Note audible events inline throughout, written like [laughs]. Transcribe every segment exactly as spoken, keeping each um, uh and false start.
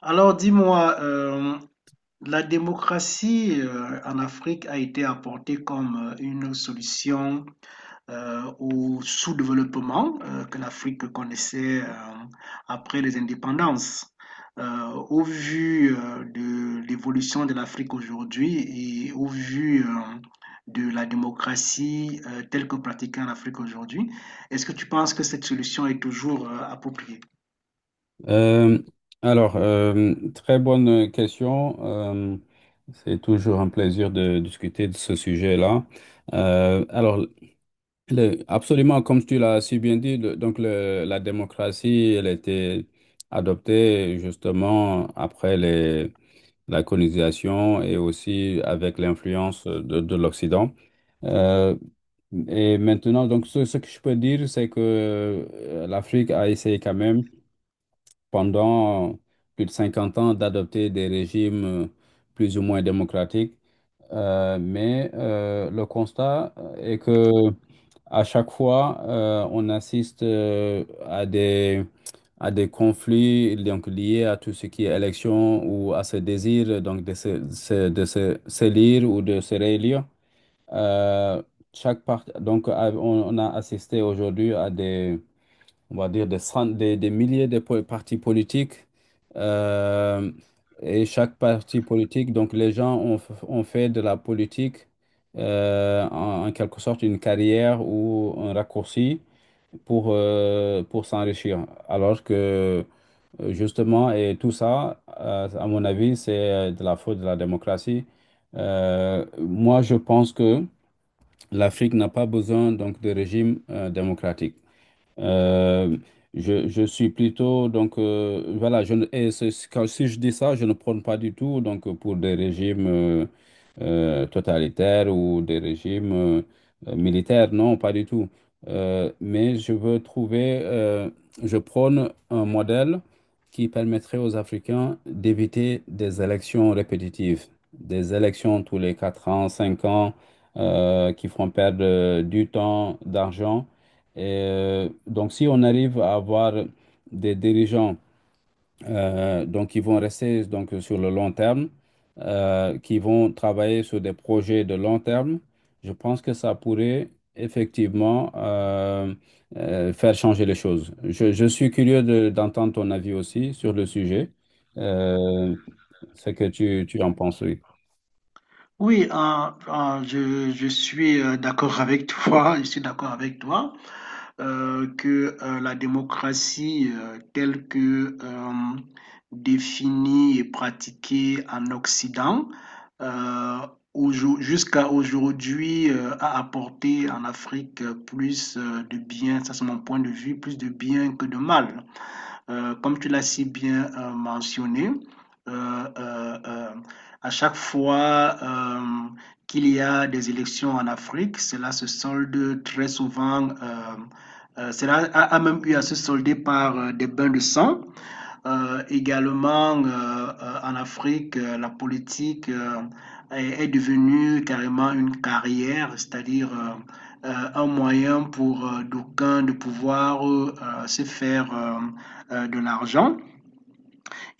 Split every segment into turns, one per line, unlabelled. Alors dis-moi, euh, la démocratie euh, en Afrique a été apportée comme euh, une solution euh, au sous-développement euh, que l'Afrique connaissait euh, après les indépendances. Euh, au vu euh, de l'évolution de l'Afrique aujourd'hui et au vu euh, de la démocratie euh, telle que pratiquée en Afrique aujourd'hui, est-ce que tu penses que cette solution est toujours euh, appropriée?
Euh, alors, euh, très bonne question. Euh, c'est toujours un plaisir de discuter de ce sujet-là. Euh, alors, le- absolument, comme tu l'as si bien dit, le- donc le- la démocratie, elle a été adoptée justement après les, la colonisation et aussi avec l'influence de, de l'Occident. Euh, et maintenant, donc, ce, ce que je peux dire, c'est que euh, l'Afrique a essayé quand même pendant plus de cinquante ans d'adopter des régimes euh, plus ou moins démocratiques. Euh, mais euh, le constat euh, est que à chaque fois, euh, on assiste euh, à des, à des conflits donc, liés à tout ce qui est élection ou à ce désir donc, de se, se- de se- s'élire ou de se réélire. Euh, chaque part, donc, à- on, on a assisté aujourd'hui à des on va dire des, cent- des, des milliers de po- partis politiques. euh, et chaque parti politique, donc les gens ont, f- ont fait de la politique, euh, en, en quelque sorte une carrière ou un raccourci pour, euh, pour s'enrichir. Alors que euh, justement, et tout ça, euh, à mon avis, c'est de la faute de la démocratie. Euh, moi, je pense que l'Afrique n'a pas besoin donc de régime euh, démocratique. Euh, je, je suis plutôt, donc, euh, voilà, je, ne- et c'est- c'est- quand, si je dis ça, je ne prône pas du tout donc, pour des régimes euh, euh, totalitaires ou des régimes euh, euh, militaires, non, pas du tout. Euh, mais je veux trouver, euh, je prône un modèle qui permettrait aux Africains d'éviter des élections répétitives, des élections tous les quatre ans, cinq ans, euh, qui font perdre euh, du temps, d'argent. Et euh, donc, si on arrive à avoir des dirigeants, euh, donc, qui vont rester donc, sur le long terme, euh, qui vont travailler sur des projets de long terme, je pense que ça pourrait effectivement euh, euh, faire changer les choses. Je, je suis curieux de- d'entendre ton avis aussi sur le sujet, euh, ce que tu, tu en penses, oui.
Oui, euh, euh, je, je suis euh, d'accord avec toi, [laughs] je suis d'accord avec toi euh, que euh, la démocratie euh, telle que euh, définie et pratiquée en Occident, euh, aujo- jusqu'à aujourd'hui euh, a apporté en Afrique euh, plus euh, de bien, ça c'est mon point de vue, plus de bien que de mal. Euh, comme tu l'as si bien euh, mentionné, euh, euh, euh, à chaque fois euh, qu'il y a des élections en Afrique, cela se solde très souvent. Euh, euh, cela a, a même eu à se solder par euh, des bains de sang euh, également. Euh, euh, en Afrique, euh, la politique euh, est, est devenue carrément une carrière, c'est-à-dire euh, euh, un moyen pour euh, d'aucuns de pouvoir euh, euh, se faire euh, euh, de l'argent.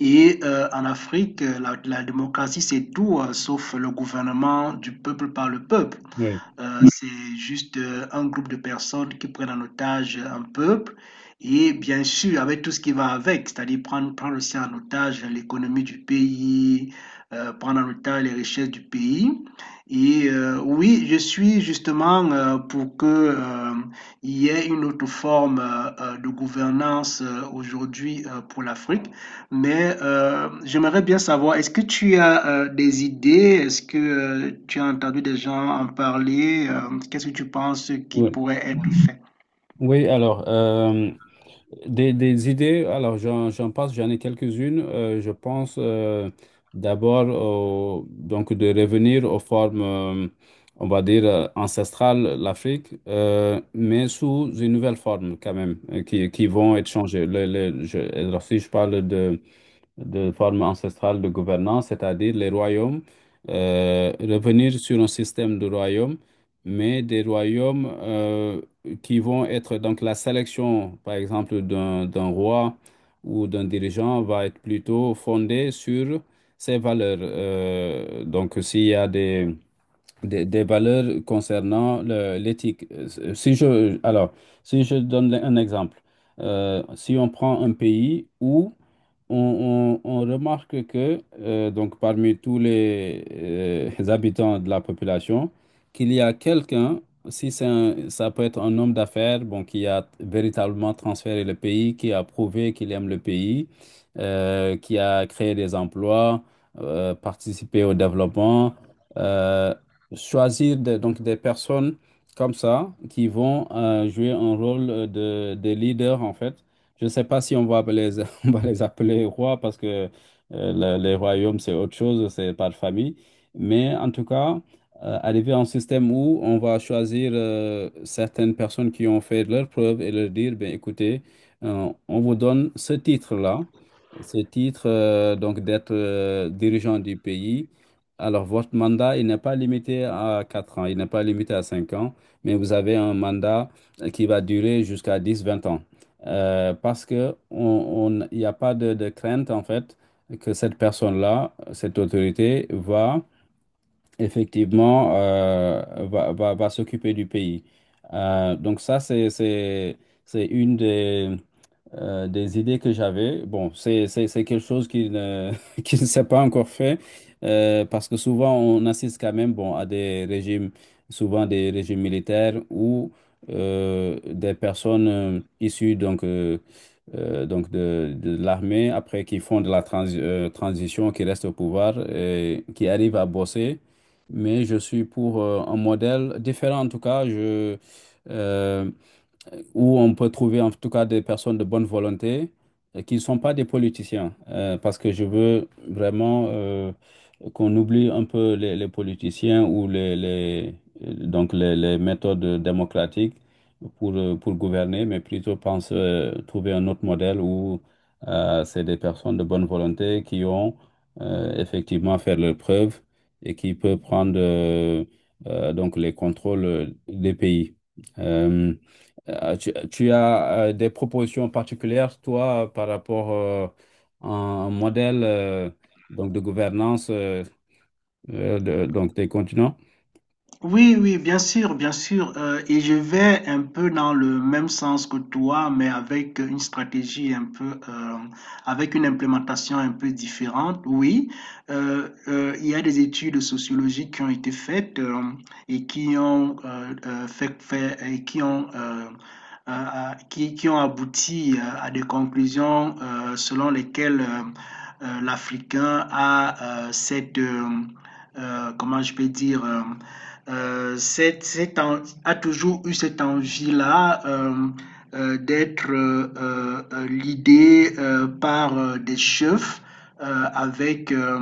Et euh, en Afrique, euh, la, la démocratie, c'est tout, euh, sauf le gouvernement du peuple par le peuple.
Oui.
Euh, c'est juste euh, un groupe de personnes qui prennent en otage un peuple et bien sûr avec tout ce qui va avec, c'est-à-dire prendre, prendre aussi en otage l'économie du pays, euh, prendre en otage les richesses du pays. Et euh, oui, je suis justement euh, pour que euh, il y ait une autre forme euh, euh, de gouvernance euh, aujourd'hui euh, pour l'Afrique. Mais euh, j'aimerais bien savoir, est-ce que tu as euh, des idées? Est-ce que euh, tu as entendu des gens en parler? Euh, qu'est-ce que tu penses qui
Oui.
pourrait être fait?
Oui, alors, euh, des, des idées, alors j'en, j'en passe, j'en ai quelques-unes. Euh, je pense, euh, d'abord, au- donc de revenir aux formes, euh, on va dire, euh, ancestrales, l'Afrique, euh, mais sous une nouvelle forme quand même, euh, qui, qui vont être changées. Le- le- je, alors, si je parle de de forme ancestrale de gouvernance, c'est-à-dire les royaumes. Euh, revenir sur un système de royaumes, mais des royaumes euh, qui vont être, donc la sélection, par exemple, d'un d'un roi ou d'un dirigeant va être plutôt fondée sur ses valeurs. Euh, donc, s'il y a des, des, des valeurs concernant le- l'éthique. Euh, si je, alors, si je donne un exemple, euh, si on prend un pays où on, on- on remarque que euh, donc parmi tous les, euh, les habitants de la population, qu'il y a quelqu'un. Si c'est un- ça peut être un homme d'affaires, bon, qui a véritablement transféré le pays, qui a prouvé qu'il aime le pays, euh, qui a créé des emplois, euh, participé au développement, euh, choisir des- donc des personnes comme ça qui vont euh, jouer un rôle de, de leader en fait. Je ne sais pas si on va appeler [laughs] on va les appeler rois, parce que euh, le- les royaumes, c'est autre chose, c'est par famille. Mais en tout cas, euh, arriver à un système où on va choisir euh, certaines personnes qui ont fait leurs preuves et leur dire, ben, écoutez, euh, on vous donne ce titre-là, ce titre, euh, donc d'être, euh, dirigeant du pays. Alors, votre mandat, il n'est pas limité à quatre ans, il n'est pas limité à cinq ans, mais vous avez un mandat euh, qui va durer jusqu'à dix, vingt ans, euh, parce que on, on- il n'y a pas de, de crainte en fait que cette personne-là, cette autorité, va effectivement, euh, va, va, va s'occuper du pays. Euh, donc ça, c'est, c'est, c'est une des euh, des idées que j'avais. Bon, c'est, c'est, c'est quelque chose qui ne, [laughs] qui ne s'est pas encore fait, euh, parce que souvent on assiste quand même, bon, à des régimes, souvent des régimes militaires où euh, des personnes euh, issues donc, euh, euh, donc de, de l'armée, après qui font de la transi- euh, transition, qui restent au pouvoir, et qui arrivent à bosser. Mais je suis pour, euh, un modèle différent en tout cas. Je, euh, où on peut trouver en tout cas des personnes de bonne volonté euh, qui ne sont pas des politiciens, euh, parce que je veux vraiment euh, qu'on oublie un peu les, les politiciens ou les, les- donc les, les méthodes démocratiques pour, euh, pour gouverner, mais plutôt pense euh, trouver un autre modèle où euh, c'est des personnes de bonne volonté qui ont, euh, effectivement fait leurs preuves et qui peuvent prendre euh, euh, donc les contrôles des pays. Euh, euh, tu, tu as, euh, des propositions particulières, toi, par rapport, euh, à un modèle, euh, donc de gouvernance, euh, euh, de- donc des continents?
Oui, oui, bien sûr, bien sûr. Euh, et je vais un peu dans le même sens que toi, mais avec une stratégie un peu, euh, avec une implémentation un peu différente. Oui, euh, euh, il y a des études sociologiques qui ont été faites euh, et qui ont euh, euh, fait, fait- et qui ont euh, euh, euh, qui, qui ont abouti euh, à des conclusions euh, selon lesquelles euh, euh, l'Africain a euh, cette, euh, euh, comment je peux dire, euh, euh, c'est, c'est en- a toujours eu cette envie-là euh, euh, d'être euh, euh, euh, l'idée euh, par euh, des chefs euh, avec euh,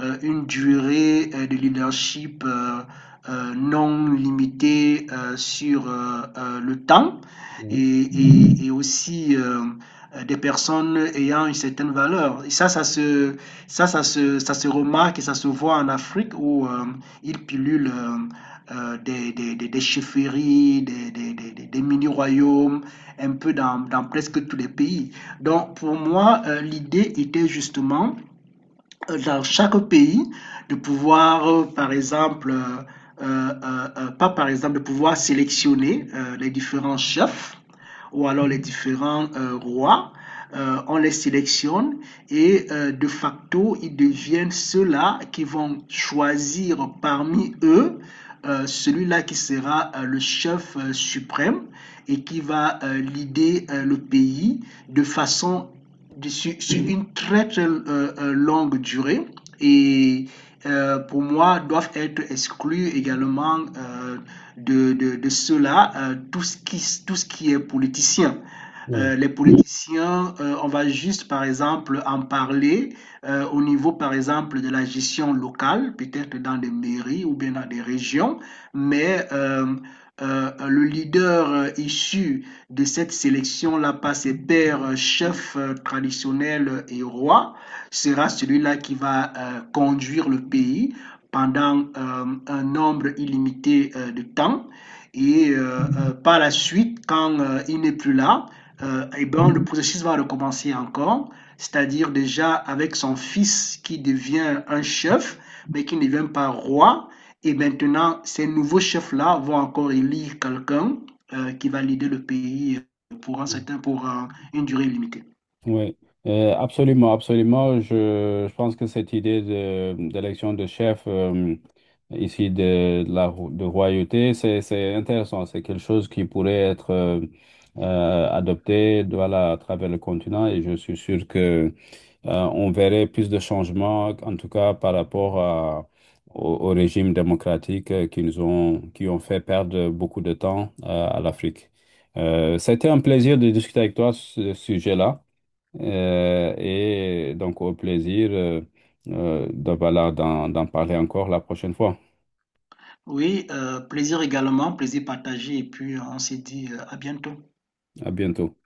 euh, une durée euh, de leadership euh, euh, non limitée euh, sur euh, euh, le temps et,
Oui,
et- et aussi euh, euh, des personnes ayant une certaine valeur. Et ça, ça se, ça, ça se, ça se remarque et ça se voit en Afrique où euh, ils pilulent. euh, euh, des, des, des, des chefferies, des, des, des- des mini-royaumes, un peu dans, dans presque tous les pays. Donc pour moi, euh, l'idée était justement euh, dans chaque pays de pouvoir, euh, par exemple, euh, euh, euh, euh, pas par exemple, de pouvoir sélectionner euh, les différents chefs ou alors les différents euh, rois. Euh, on les sélectionne et euh, de facto, ils deviennent ceux-là qui vont choisir parmi eux euh, celui-là qui sera euh, le chef euh, suprême et qui va euh, leader euh, le pays de façon sur, sur une très très euh, euh, longue durée et euh, pour moi doivent être exclus également euh, de, de, de cela euh, tout ce qui, tout ce qui est politicien.
oui,
Euh, les politiciens, euh, on va juste par exemple en parler euh, au niveau par exemple de la gestion locale, peut-être dans des mairies ou bien dans des régions, mais euh, euh, le leader euh, issu de cette sélection-là par ses pères chefs euh, traditionnels euh, et rois sera celui-là qui va euh, conduire le pays pendant euh, un nombre illimité euh, de temps. Et euh, euh, par la suite, quand euh, il n'est plus là, euh, eh ben, le processus va recommencer encore, c'est-à-dire déjà avec son fils qui devient un chef, mais qui ne devient pas roi. Et maintenant, ces nouveaux chefs-là vont encore élire quelqu'un euh, qui va l'aider le pays euh, pour, un
oui.
certain, pour euh, une durée limitée.
Oui. Euh, absolument, absolument. Je, je pense que cette idée de, d'élection de chef, euh, ici de, de la ro- de royauté, c'est, c'est intéressant. C'est quelque chose qui pourrait être euh, euh, adopté, voilà, à travers le continent, et je suis sûr que euh, on verrait plus de changements, en tout cas par rapport à- au, au régime démocratique euh, qui nous ont, qui ont fait perdre beaucoup de temps euh, à l'Afrique. Euh, c'était un plaisir de discuter avec toi ce sujet-là. euh, et donc au plaisir, euh, euh, de, voilà, d'en d'en parler encore la prochaine fois.
Oui, euh, plaisir également, plaisir partagé, et puis euh, on s'est dit euh, à bientôt.
À bientôt.